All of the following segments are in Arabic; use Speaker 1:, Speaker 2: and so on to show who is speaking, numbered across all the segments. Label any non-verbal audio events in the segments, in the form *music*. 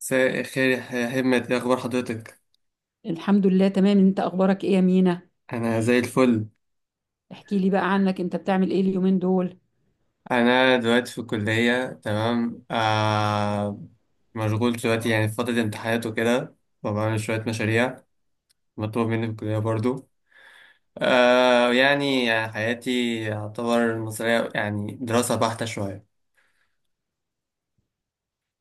Speaker 1: مساء الخير يا همة، ايه اخبار حضرتك؟
Speaker 2: الحمد لله تمام، انت اخبارك ايه يا مينا؟
Speaker 1: انا زي الفل.
Speaker 2: احكي لي بقى عنك، انت بتعمل ايه اليومين دول؟
Speaker 1: انا دلوقتي في الكلية، تمام. مشغول دلوقتي يعني في فترة امتحانات وكده، وبعمل شوية مشاريع مطلوب مني في الكلية برضو. يعني حياتي يعتبر مصرية، يعني دراسة بحتة شوية.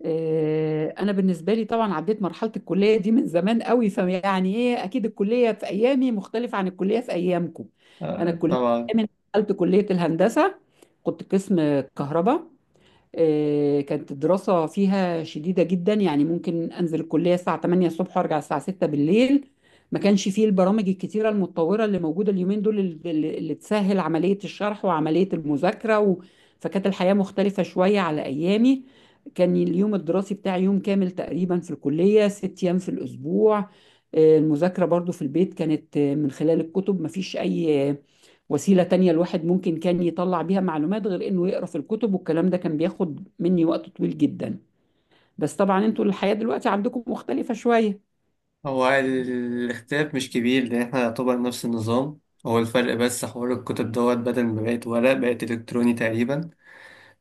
Speaker 2: اه انا بالنسبه لي طبعا عديت مرحله الكليه دي من زمان قوي، فيعني ايه، اكيد الكليه في ايامي مختلفه عن الكليه في ايامكم. انا
Speaker 1: آه،
Speaker 2: الكليه
Speaker 1: طبعا.
Speaker 2: من دخلت كليه الهندسه كنت قسم كهرباء. كانت الدراسة فيها شديدة جدا، يعني ممكن أنزل الكلية الساعة 8 الصبح وأرجع الساعة 6 بالليل. ما كانش فيه البرامج الكتيرة المتطورة اللي موجودة اليومين دول، اللي تسهل عملية الشرح وعملية المذاكرة. فكانت الحياة مختلفة شوية على أيامي. كان اليوم الدراسي بتاعي يوم كامل تقريبا في الكلية، ست أيام في الأسبوع. المذاكرة برضو في البيت كانت من خلال الكتب، مفيش أي وسيلة تانية الواحد ممكن كان يطلع بيها معلومات غير انه يقرا في الكتب، والكلام ده كان بياخد مني وقت طويل جدا. بس طبعا انتوا الحياة دلوقتي عندكم مختلفة شوية.
Speaker 1: هو الاختلاف مش كبير لان احنا يعتبر نفس النظام. هو الفرق بس حوار الكتب دوت، بدل ما بقت ورق بقت الكتروني تقريبا.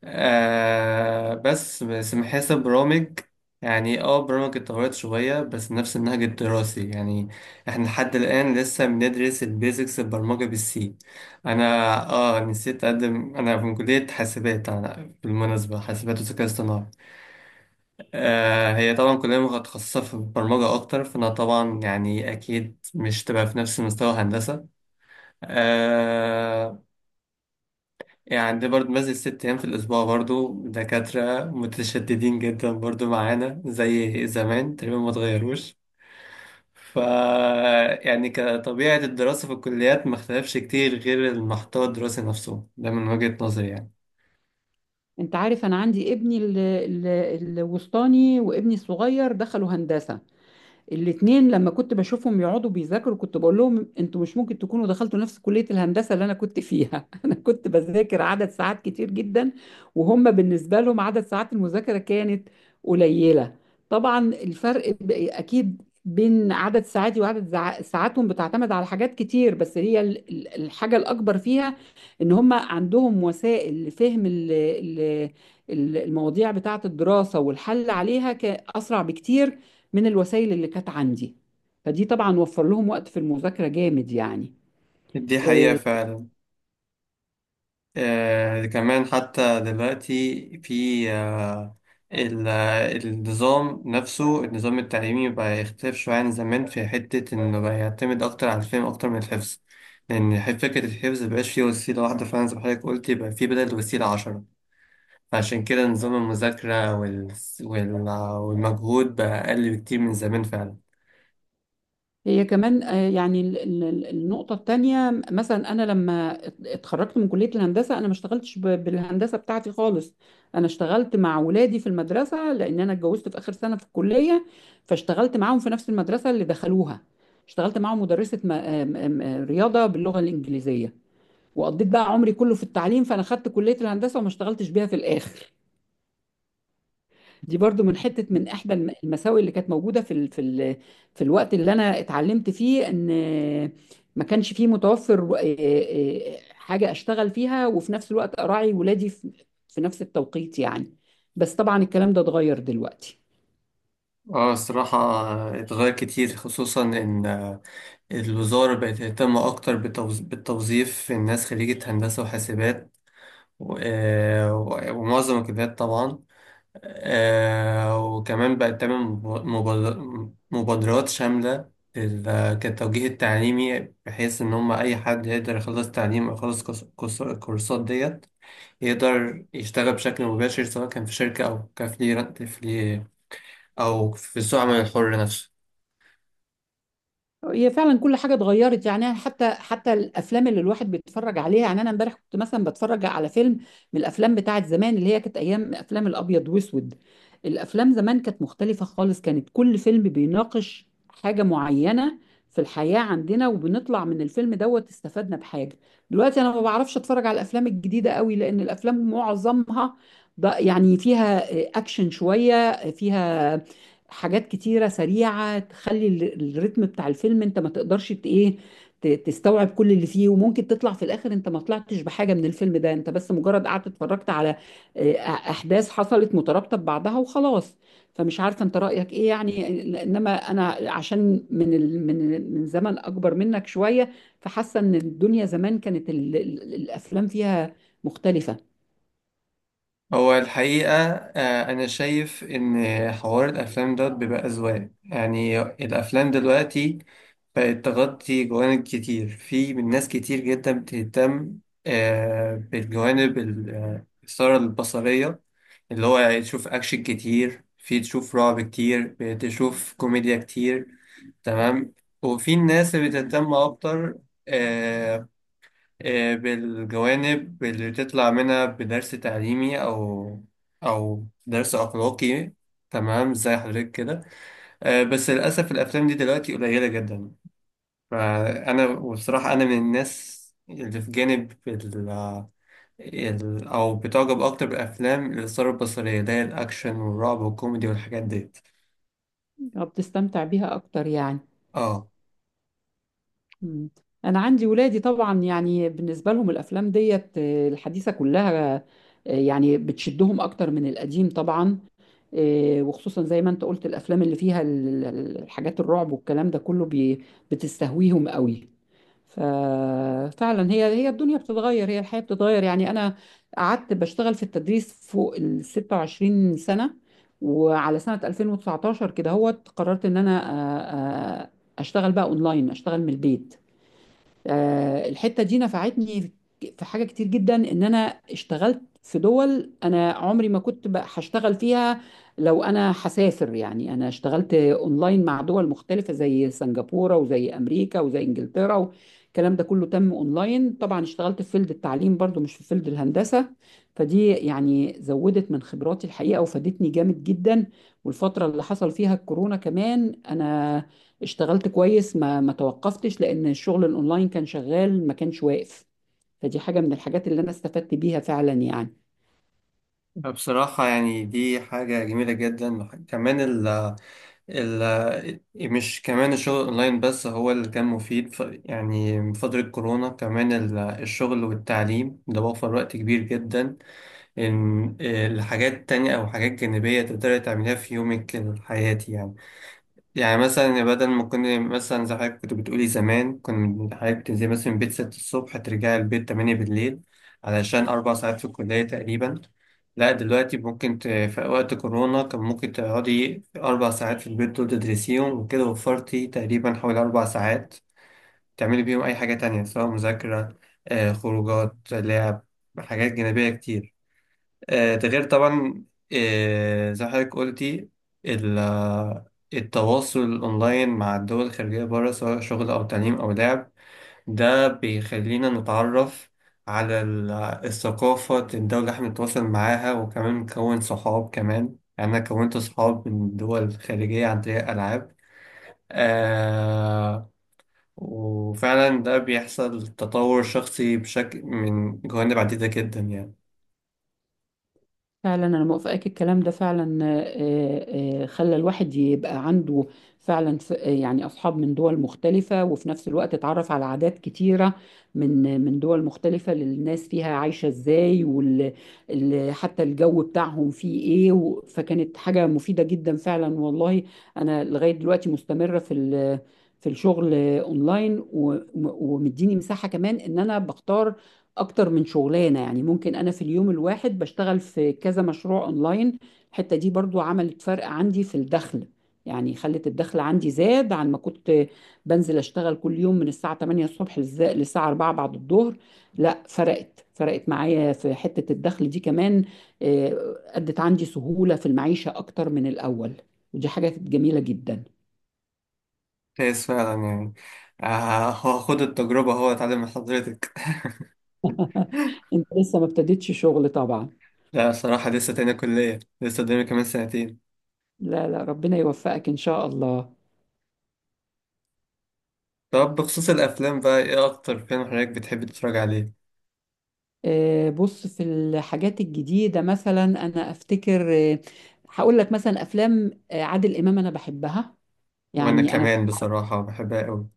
Speaker 1: بس بس محاسب برامج، يعني برامج اتطورت شوية، بس نفس النهج الدراسي يعني. احنا لحد الآن لسه بندرس البيزكس البرمجة بالسي. انا اه نسيت اقدم، انا من كلية حاسبات. أنا بالمناسبة حاسبات وذكاء اصطناعي. هي طبعا كلية متخصصة في البرمجة اكتر، فانا طبعا يعني اكيد مش تبقى في نفس مستوى هندسة. آه يعني عندي برضه بنزل 6 أيام في الأسبوع، برضه دكاترة متشددين جدا برضه معانا زي زمان تقريبا ما اتغيروش. ف يعني كطبيعة الدراسة في الكليات ما اختلفش كتير غير المحتوى الدراسي نفسه ده من وجهة نظري يعني.
Speaker 2: انت عارف انا عندي ابني الوسطاني وابني الصغير دخلوا هندسة الاتنين، لما كنت بشوفهم يقعدوا بيذاكروا كنت بقول لهم انتوا مش ممكن تكونوا دخلتوا نفس كلية الهندسة اللي انا كنت فيها. *laughs* انا كنت بذاكر عدد ساعات كتير جدا، وهم بالنسبة لهم عدد ساعات المذاكرة كانت قليلة. طبعا الفرق اكيد بين عدد ساعاتي وعدد ساعاتهم بتعتمد على حاجات كتير، بس هي الحاجة الأكبر فيها إن هم عندهم وسائل لفهم المواضيع بتاعة الدراسة والحل عليها أسرع بكتير من الوسائل اللي كانت عندي. فدي طبعا وفر لهم وقت في المذاكرة جامد يعني.
Speaker 1: دي حقيقة
Speaker 2: آه،
Speaker 1: فعلا. كمان حتى دلوقتي في النظام نفسه، النظام التعليمي بقى يختلف شوية عن زمان في حتة إنه بقى يعتمد أكتر على الفهم أكتر من الحفظ. لأن فكرة الحفظ مبقاش فيه وسيلة واحدة فعلا زي ما حضرتك قلت، يبقى فيه بدل وسيلة 10. فعشان كده نظام المذاكرة وال... والمجهود بقى أقل بكتير من زمان فعلا.
Speaker 2: هي كمان يعني النقطة التانية، مثلا أنا لما اتخرجت من كلية الهندسة أنا ما اشتغلتش بالهندسة بتاعتي خالص. أنا اشتغلت مع ولادي في المدرسة، لأن أنا اتجوزت في آخر سنة في الكلية، فاشتغلت معاهم في نفس المدرسة اللي دخلوها. اشتغلت معاهم مدرسة رياضة باللغة الإنجليزية، وقضيت بقى عمري كله في التعليم. فأنا خدت كلية الهندسة وما اشتغلتش بيها في الآخر. دي برضو من حتة، من إحدى المساوئ اللي كانت موجودة في ال في ال في الوقت اللي أنا اتعلمت فيه، إن ما كانش فيه متوفر حاجة أشتغل فيها وفي نفس الوقت أراعي ولادي في في نفس التوقيت يعني. بس طبعا الكلام ده اتغير دلوقتي.
Speaker 1: اه، الصراحة اتغير كتير، خصوصا إن الوزارة بقت تهتم أكتر بالتوظيف في الناس خريجة هندسة وحاسبات. ومعظم الكليات طبعا. وكمان بقت تعمل مبادرات شاملة كالتوجيه التعليمي، بحيث إن هم أي حد يقدر يخلص تعليم أو يخلص الكورسات ديت، يقدر يشتغل بشكل مباشر سواء كان في شركة أو كفريلانس، أو في سوق العمل الحر نفسه.
Speaker 2: هي فعلا كل حاجه اتغيرت، يعني أنا حتى الافلام اللي الواحد بيتفرج عليها، يعني انا امبارح كنت مثلا بتفرج على فيلم من الافلام بتاعه زمان، اللي هي كانت ايام افلام الابيض واسود. الافلام زمان كانت مختلفه خالص، كانت كل فيلم بيناقش حاجه معينه في الحياه عندنا، وبنطلع من الفيلم دوت استفدنا بحاجه. دلوقتي انا ما بعرفش اتفرج على الافلام الجديده قوي، لان الافلام معظمها ده يعني فيها اكشن، شويه فيها حاجات كتيرة سريعة تخلي ال- الريتم بتاع الفيلم انت ما تقدرش تستوعب كل اللي فيه، وممكن تطلع في الاخر انت ما طلعتش بحاجة من الفيلم ده، انت بس مجرد قعدت اتفرجت على آه، احداث حصلت مترابطة ببعضها وخلاص. فمش عارفة انت رأيك ايه يعني، انما انا عشان من زمن اكبر منك شوية، فحاسة ان الدنيا زمان كانت الافلام فيها مختلفة.
Speaker 1: هو الحقيقة أنا شايف إن حوار الأفلام ده بيبقى أذواق. يعني الأفلام دلوقتي بقت تغطي جوانب كتير في من ناس كتير جدا بتهتم بالجوانب الإثارة البصرية، اللي هو يعني تشوف أكشن كتير، في تشوف رعب كتير، تشوف كوميديا كتير، تمام. وفي الناس اللي بتهتم أكتر، آه، بالجوانب اللي تطلع منها بدرس تعليمي أو درس أخلاقي، تمام زي حضرتك كده. بس للأسف الأفلام دي دلوقتي قليلة جدا. فأنا وبصراحة أنا من الناس اللي في جانب أو بتعجب أكتر بالأفلام الإثارة البصرية، اللي هي الأكشن والرعب والكوميدي والحاجات ديت.
Speaker 2: بتستمتع بيها اكتر يعني.
Speaker 1: اه،
Speaker 2: مم. انا عندي ولادي طبعا، يعني بالنسبه لهم الافلام ديت الحديثه كلها، يعني بتشدهم اكتر من القديم طبعا. وخصوصا زي ما انت قلت الافلام اللي فيها الحاجات الرعب والكلام ده كله بتستهويهم قوي. ففعلا هي الدنيا بتتغير، هي الحياه بتتغير. يعني انا قعدت بشتغل في التدريس فوق ال 26 سنه، وعلى سنه 2019 كده هو قررت ان انا آه، آه، اشتغل بقى اونلاين، اشتغل من البيت. الحتة دي نفعتني في حاجة كتير جدا، ان انا اشتغلت في دول انا عمري ما كنت بقى هشتغل فيها لو انا هسافر. يعني انا اشتغلت اونلاين مع دول مختلفة زي سنغافورة وزي امريكا وزي انجلترا، الكلام ده كله تم اونلاين. طبعا اشتغلت في فيلد التعليم برضو، مش في فيلد الهندسة. فدي يعني زودت من خبراتي الحقيقة وفادتني جامد جدا. والفترة اللي حصل فيها الكورونا كمان انا اشتغلت كويس، ما توقفتش لان الشغل الاونلاين كان شغال، ما كانش واقف. فدي حاجة من الحاجات اللي انا استفدت بيها فعلا يعني.
Speaker 1: بصراحة يعني دي حاجة جميلة جدا كمان. مش كمان الشغل اونلاين بس هو اللي كان مفيد. يعني من فترة كورونا كمان الشغل والتعليم ده وفر وقت كبير جدا، ان الحاجات تانية او حاجات جانبية تقدري تعمليها في يومك الحياتي يعني. يعني مثلا بدل ما كنا مثلا زي حضرتك كنت بتقولي زمان، كنت حضرتك بتنزلي مثلا من البيت 6 الصبح ترجعي البيت 8 بالليل علشان 4 ساعات في الكلية تقريبا. لا دلوقتي ممكن في وقت كورونا كان ممكن تقعدي 4 ساعات في البيت دول تدرسيهم وكده، وفرتي تقريبا حوالي 4 ساعات تعملي بيهم أي حاجة تانية سواء مذاكرة، خروجات، لعب، حاجات جانبية كتير. ده غير طبعا، زي ما حضرتك قلتي، ال- آه، التواصل الأونلاين مع الدول الخارجية بره سواء شغل أو تعليم أو لعب، ده بيخلينا نتعرف على الثقافة الدولة اللي احنا بنتواصل معاها، وكمان نكون صحاب كمان يعني. أنا كونت صحاب من الدول الخارجية عن طريق الألعاب. آه وفعلا ده بيحصل تطور شخصي بشكل من جوانب عديدة جدا يعني.
Speaker 2: فعلا انا موافقاك الكلام ده فعلا، خلى الواحد يبقى عنده فعلا يعني اصحاب من دول مختلفه، وفي نفس الوقت اتعرف على عادات كتيره من دول مختلفه، للناس فيها عايشه ازاي حتى الجو بتاعهم فيه ايه فكانت حاجه مفيده جدا فعلا والله. انا لغايه دلوقتي مستمره في في الشغل اونلاين، ومديني مساحه كمان ان انا بختار اكتر من شغلانه، يعني ممكن انا في اليوم الواحد بشتغل في كذا مشروع اونلاين. الحته دي برضو عملت فرق عندي في الدخل، يعني خلت الدخل عندي زاد عن ما كنت بنزل اشتغل كل يوم من الساعه 8 الصبح للساعه 4 بعد الظهر. لا، فرقت معايا في حته الدخل دي كمان. ادت عندي سهوله في المعيشه اكتر من الاول، ودي حاجه كانت جميله جدا.
Speaker 1: كويس فعلا يعني. هو خد التجربة، هو اتعلم من حضرتك.
Speaker 2: انت لسه ما ابتديتش شغل طبعا.
Speaker 1: *laughs* لا صراحة لسه تانية كلية، لسه قدامي كمان سنتين.
Speaker 2: لا لا، ربنا يوفقك ان شاء الله.
Speaker 1: طب بخصوص الأفلام بقى إيه أكتر فيلم حضرتك بتحب تتفرج عليه؟
Speaker 2: بص في الحاجات الجديدة مثلا أنا أفتكر، هقول لك مثلا أفلام عادل إمام أنا بحبها،
Speaker 1: وأنا
Speaker 2: يعني أنا
Speaker 1: كمان بصراحة بحبها أوي.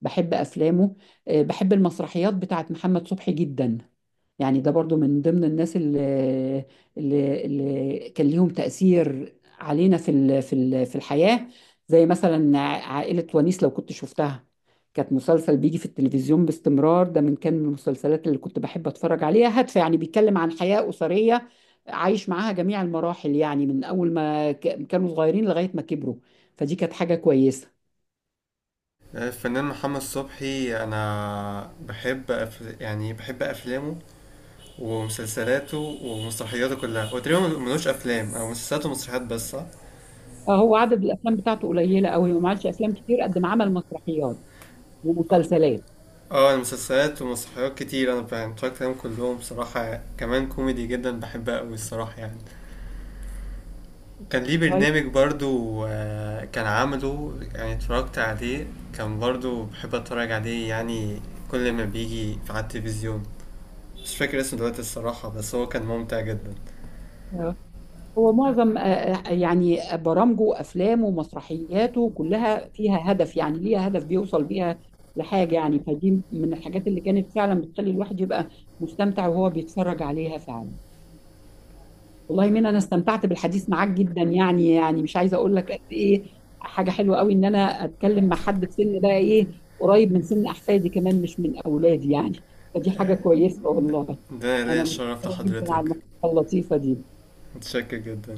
Speaker 2: بحب أفلامه. بحب المسرحيات بتاعت محمد صبحي جدا، يعني ده برضو من ضمن الناس اللي كان ليهم تأثير علينا في في الحياة. زي مثلا عائلة ونيس لو كنت شفتها، كانت مسلسل بيجي في التلفزيون باستمرار، ده من كان المسلسلات اللي كنت بحب اتفرج عليها، هادفة يعني، بيتكلم عن حياة أسرية، عايش معاها جميع المراحل يعني، من أول ما كانوا صغيرين لغاية ما كبروا. فدي كانت حاجة كويسة.
Speaker 1: الفنان محمد صبحي، أنا يعني بحب أفلامه ومسلسلاته ومسرحياته كلها. هو تقريبا ملوش أفلام، أو مسلسلات ومسرحيات بس، صح؟
Speaker 2: هو عدد الافلام بتاعته قليله قوي وما عملش افلام كتير قد ما عمل مسرحيات ومسلسلات.
Speaker 1: اه، أنا مسلسلات ومسرحيات كتير، أنا اتفرجت عليهم كلهم بصراحة، كمان كوميدي جدا بحبها أوي الصراحة يعني. كان ليه
Speaker 2: طيب.
Speaker 1: برنامج برضو، كان عامله، يعني اتفرجت عليه. كان برضو بحب اتفرج عليه يعني، كل ما بيجي في على التلفزيون. مش فاكر اسمه دلوقتي الصراحة، بس هو كان ممتع جدا.
Speaker 2: آه، هو معظم يعني برامجه وافلامه ومسرحياته كلها فيها هدف، يعني ليها هدف بيوصل بيها لحاجه يعني. فدي من الحاجات اللي كانت فعلا بتخلي الواحد يبقى مستمتع وهو بيتفرج عليها فعلا. والله مين، انا استمتعت بالحديث معاك جدا، يعني مش عايزه اقول لك قد ايه حاجه حلوه قوي ان انا اتكلم مع حد في سن بقى ايه قريب من سن احفادي كمان، مش من اولادي يعني. فدي حاجه كويسه والله.
Speaker 1: ده ليا
Speaker 2: انا
Speaker 1: الشرف
Speaker 2: متشكره جدا على
Speaker 1: لحضرتك.
Speaker 2: المحادثه اللطيفه دي.
Speaker 1: متشكر جدا.